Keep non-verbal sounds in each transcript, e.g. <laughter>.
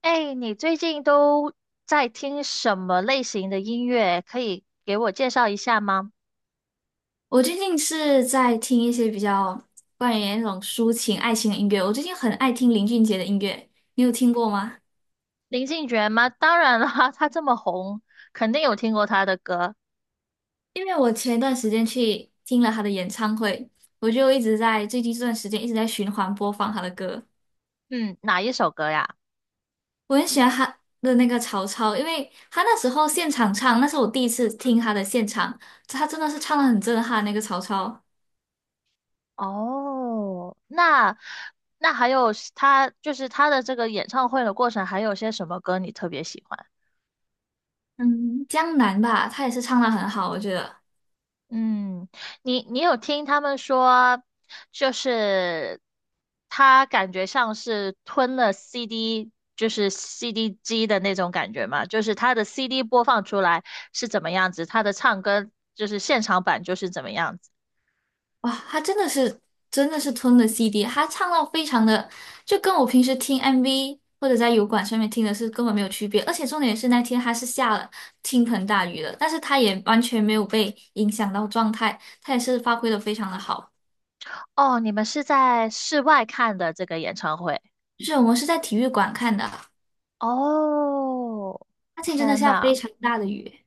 哎，你最近都在听什么类型的音乐？可以给我介绍一下吗？我最近是在听一些比较关于那种抒情爱情的音乐。我最近很爱听林俊杰的音乐，你有听过吗？林俊杰吗？当然啦，<laughs> 他这么红，肯定有听过他的歌。因为我前一段时间去听了他的演唱会，我就一直在最近这段时间一直在循环播放他的歌。嗯，哪一首歌呀？我很喜欢他的那个曹操，因为他那时候现场唱，那是我第一次听他的现场，他真的是唱的很震撼。那个曹操，哦，那还有是他就是他的这个演唱会的过程，还有些什么歌你特别喜欢？嗯，江南吧，他也是唱的很好，我觉得。嗯，你有听他们说，就是他感觉像是吞了 CD，就是 CD 机的那种感觉嘛，就是他的 CD 播放出来是怎么样子，他的唱歌就是现场版就是怎么样子。哇，他真的是吞了 CD，他唱到非常的，就跟我平时听 MV 或者在油管上面听的是根本没有区别。而且重点是那天他是下了倾盆大雨的，但是他也完全没有被影响到状态，他也是发挥的非常的好。哦，你们是在室外看的这个演唱会？就是我们是在体育馆看的，哦，那天真的天下非呐，常大的雨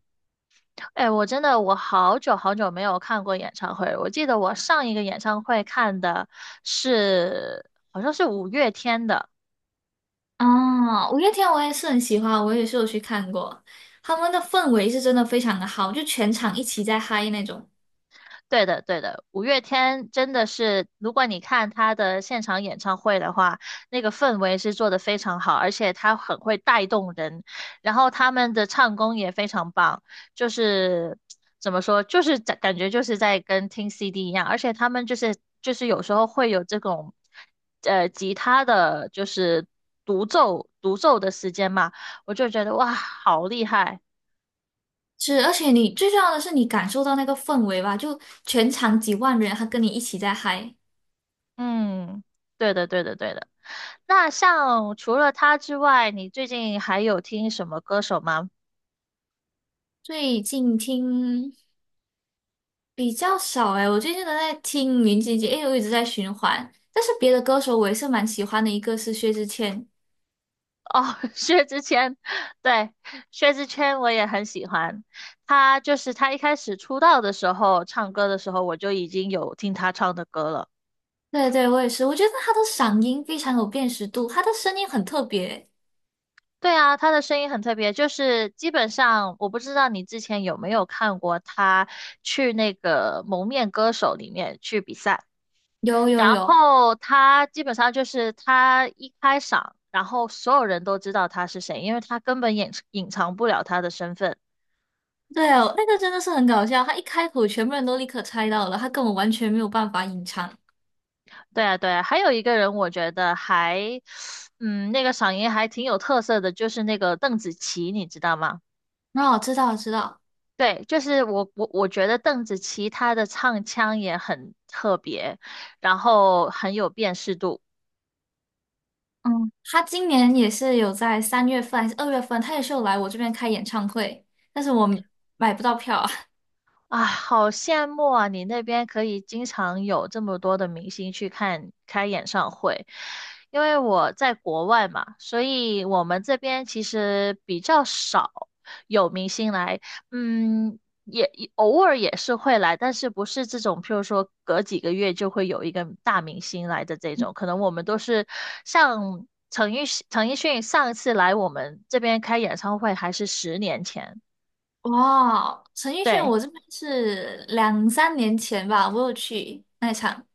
哎，我真的好久好久没有看过演唱会了，我记得我上一个演唱会看的是好像是五月天的。啊！五月天我也是很喜欢，我也是有去看过，他们的氛围是真的非常的好，就全场一起在嗨那种。对的，对的，五月天真的是，如果你看他的现场演唱会的话，那个氛围是做的非常好，而且他很会带动人，然后他们的唱功也非常棒，就是怎么说，就是感觉就是在跟听 CD 一样，而且他们就是有时候会有这种，吉他的就是独奏的时间嘛，我就觉得哇，好厉害。是，而且你最重要的是你感受到那个氛围吧，就全场几万人，他跟你一起在嗨。嗯，对的，对的，对的。那像除了他之外，你最近还有听什么歌手吗？最近听比较少诶，我最近都在听林俊杰，因为我一直在循环。但是别的歌手我也是蛮喜欢的，一个是薛之谦，哦，<laughs> 薛之谦，对，薛之谦我也很喜欢。他就是他一开始出道的时候，唱歌的时候我就已经有听他唱的歌了。对对，我也是，我觉得他的嗓音非常有辨识度，他的声音很特别。对啊，他的声音很特别，就是基本上我不知道你之前有没有看过他去那个《蒙面歌手》里面去比赛。有有然有，后他基本上就是他一开嗓，然后所有人都知道他是谁，因为他根本掩隐藏不了他的身份。对哦，那个真的是很搞笑，他一开口全部人都立刻猜到了，他根本完全没有办法隐藏。对啊，对啊，还有一个人我觉得还，嗯，那个嗓音还挺有特色的，就是那个邓紫棋，你知道吗？哦，知道，我知道。对，就是我觉得邓紫棋她的唱腔也很特别，然后很有辨识度。嗯，他今年也是有在三月份还是二月份，他也是有来我这边开演唱会，但是我买不到票啊。啊，好羡慕啊！你那边可以经常有这么多的明星去看开演唱会，因为我在国外嘛，所以我们这边其实比较少有明星来，嗯，也偶尔也是会来，但是不是这种，譬如说隔几个月就会有一个大明星来的这种，可能我们都是像陈奕迅，陈奕迅上一次来我们这边开演唱会还是十年前。<laughs> 哇，陈奕迅，对。我这边是两三年前吧，我有去那一场，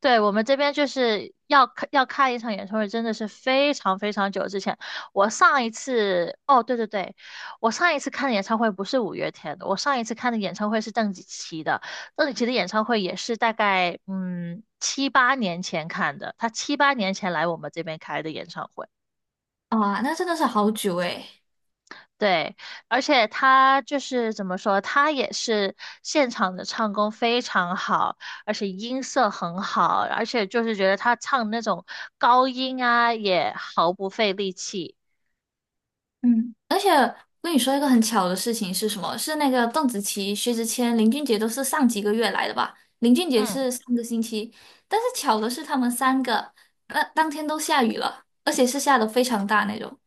对，我们这边就是要开一场演唱会，真的是非常非常久之前。我上一次，哦，对对对，我上一次看的演唱会不是五月天的，我上一次看的演唱会是邓紫棋的。邓紫棋的演唱会也是大概嗯七八年前看的，她七八年前来我们这边开的演唱会。啊，那真的是好久诶。对，而且他就是怎么说，他也是现场的唱功非常好，而且音色很好，而且就是觉得他唱那种高音啊，也毫不费力气。嗯，而且我跟你说一个很巧的事情是什么？是那个邓紫棋、薛之谦、林俊杰都是上几个月来的吧？林俊杰嗯，是上个星期，但是巧的是他们三个，那当天都下雨了，而且是下的非常大那种。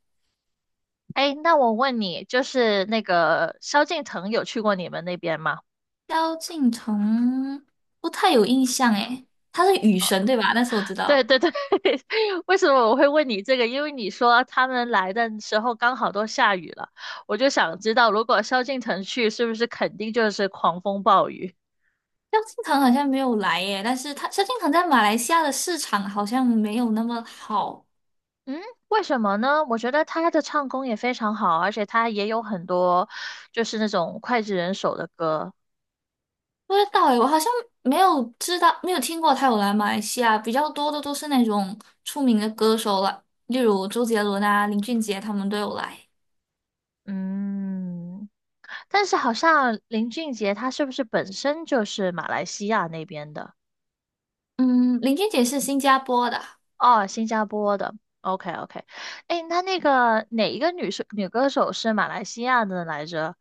哎，那我问你，就是那个萧敬腾有去过你们那边吗？萧敬腾不太有印象诶，他是雨神对吧？但是我知 <laughs> 对道对对，<laughs> 为什么我会问你这个？因为你说他们来的时候刚好都下雨了，我就想知道，如果萧敬腾去，是不是肯定就是狂风暴雨？萧敬腾好像没有来耶，但是萧敬腾在马来西亚的市场好像没有那么好，嗯，为什么呢？我觉得他的唱功也非常好，而且他也有很多就是那种脍炙人口的歌。不知道诶，我好像没有知道，没有听过他有来马来西亚，比较多的都是那种出名的歌手了，例如周杰伦啊、林俊杰他们都有来。嗯，但是好像林俊杰他是不是本身就是马来西亚那边的？嗯，林俊杰是新加坡的，哦，新加坡的。OK OK，哎，那那个哪一个女歌手是马来西亚的来着？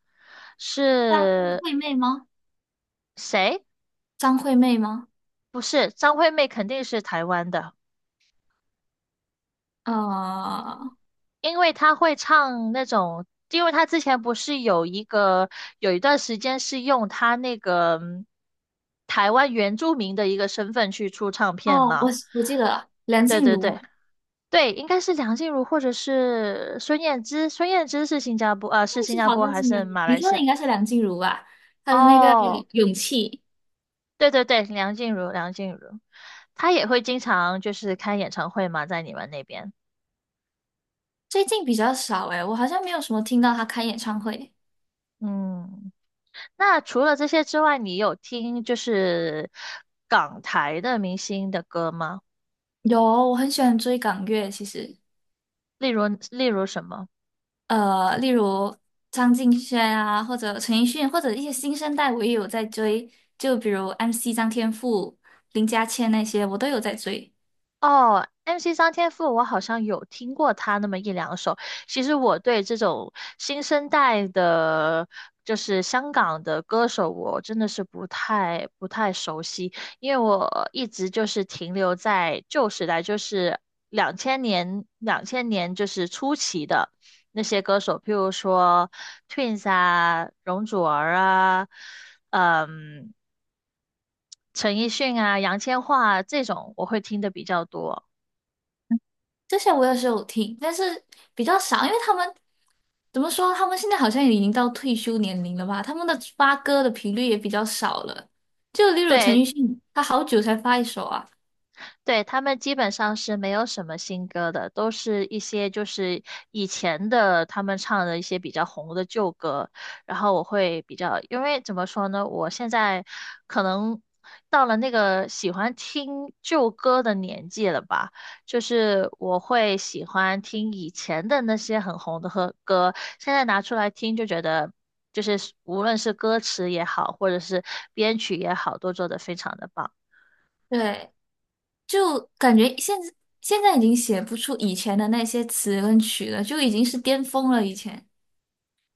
张是惠妹吗？谁？张惠妹吗？不是，张惠妹肯定是台湾的。呃，因为他会唱那种，因为他之前不是有一个有一段时间是用他那个嗯台湾原住民的一个身份去出唱片哦，我嘛？我记得了，梁对静对茹。对对，应该是梁静茹或者是孙燕姿，孙燕姿是新加坡啊，是记新加好坡像还是没有，是马你来说西的亚？应该是梁静茹吧？她的那个哦，《勇气》对对对，梁静茹，她也会经常就是开演唱会嘛，在你们那边，最近比较少诶，我好像没有什么听到她开演唱会。嗯。那除了这些之外，你有听就是港台的明星的歌吗？有，我很喜欢追港乐，其实例如，例如什么？例如张敬轩啊，或者陈奕迅，或者一些新生代，我也有在追，就比如 MC 张天赋、林家谦那些，我都有在追。哦，MC 张天赋，我好像有听过他那么一两首。其实我对这种新生代的，就是香港的歌手，我真的是不太熟悉，因为我一直就是停留在旧时代，就是两千年就是初期的那些歌手，譬如说 Twins 啊、容祖儿啊，嗯，陈奕迅啊、杨千嬅啊这种，我会听的比较多。这些我也是有听，但是比较少，因为他们怎么说？他们现在好像也已经到退休年龄了吧？他们的发歌的频率也比较少了。就例如陈对，奕迅，他好久才发一首啊。对，他们基本上是没有什么新歌的，都是一些就是以前的他们唱的一些比较红的旧歌。然后我会比较，因为怎么说呢，我现在可能到了那个喜欢听旧歌的年纪了吧，就是我会喜欢听以前的那些很红的和歌，现在拿出来听就觉得。就是无论是歌词也好，或者是编曲也好，都做得非常的棒。对，就感觉现在已经写不出以前的那些词跟曲了，就已经是巅峰了。以前，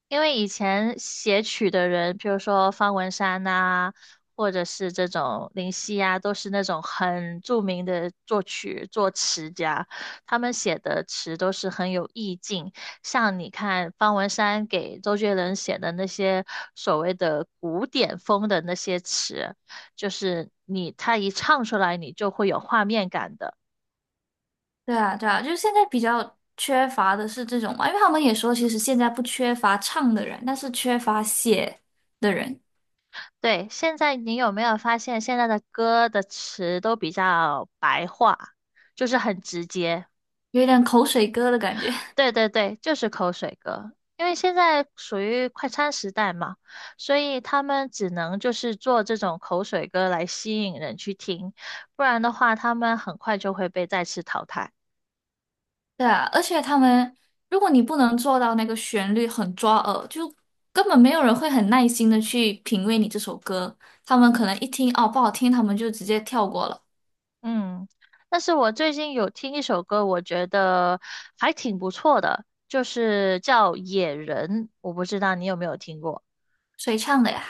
因为以前写曲的人，比如说方文山呐、或者是这种林夕呀、都是那种很著名的作曲作词家，他们写的词都是很有意境。像你看方文山给周杰伦写的那些所谓的古典风的那些词，就是他一唱出来，你就会有画面感的。对啊，对啊，就是现在比较缺乏的是这种嘛，因为他们也说，其实现在不缺乏唱的人，但是缺乏写的人，对，现在你有没有发现现在的歌的词都比较白话，就是很直接。有一点口水歌的感觉。对对对，就是口水歌。因为现在属于快餐时代嘛，所以他们只能就是做这种口水歌来吸引人去听，不然的话他们很快就会被再次淘汰。对啊，而且他们，如果你不能做到那个旋律很抓耳，就根本没有人会很耐心的去品味你这首歌。他们可能一听哦不好听，他们就直接跳过了。嗯，但是我最近有听一首歌，我觉得还挺不错的，就是叫《野人》，我不知道你有没有听过。谁唱的呀？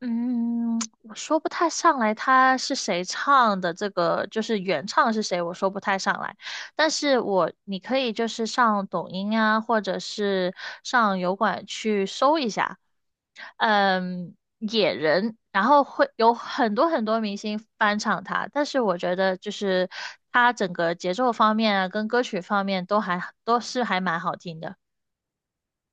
嗯，我说不太上来他是谁唱的，这个就是原唱是谁，我说不太上来。但是你可以就是上抖音啊，或者是上油管去搜一下，嗯，野人，然后会有很多很多明星翻唱他，但是我觉得就是他整个节奏方面啊，跟歌曲方面都还都是还蛮好听的。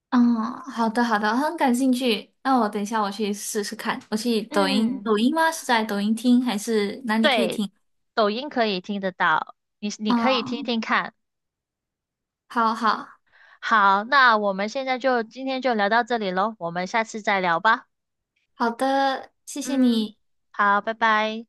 嗯，好的好的，很感兴趣。那我等一下我去试试看。我去抖音，嗯，抖音吗？是在抖音听还是哪里可以对，听？抖音可以听得到，你可以听嗯，听看。好好好，那我们现在就今天就聊到这里喽，我们下次再聊吧。好的，谢谢嗯，你。好，拜拜。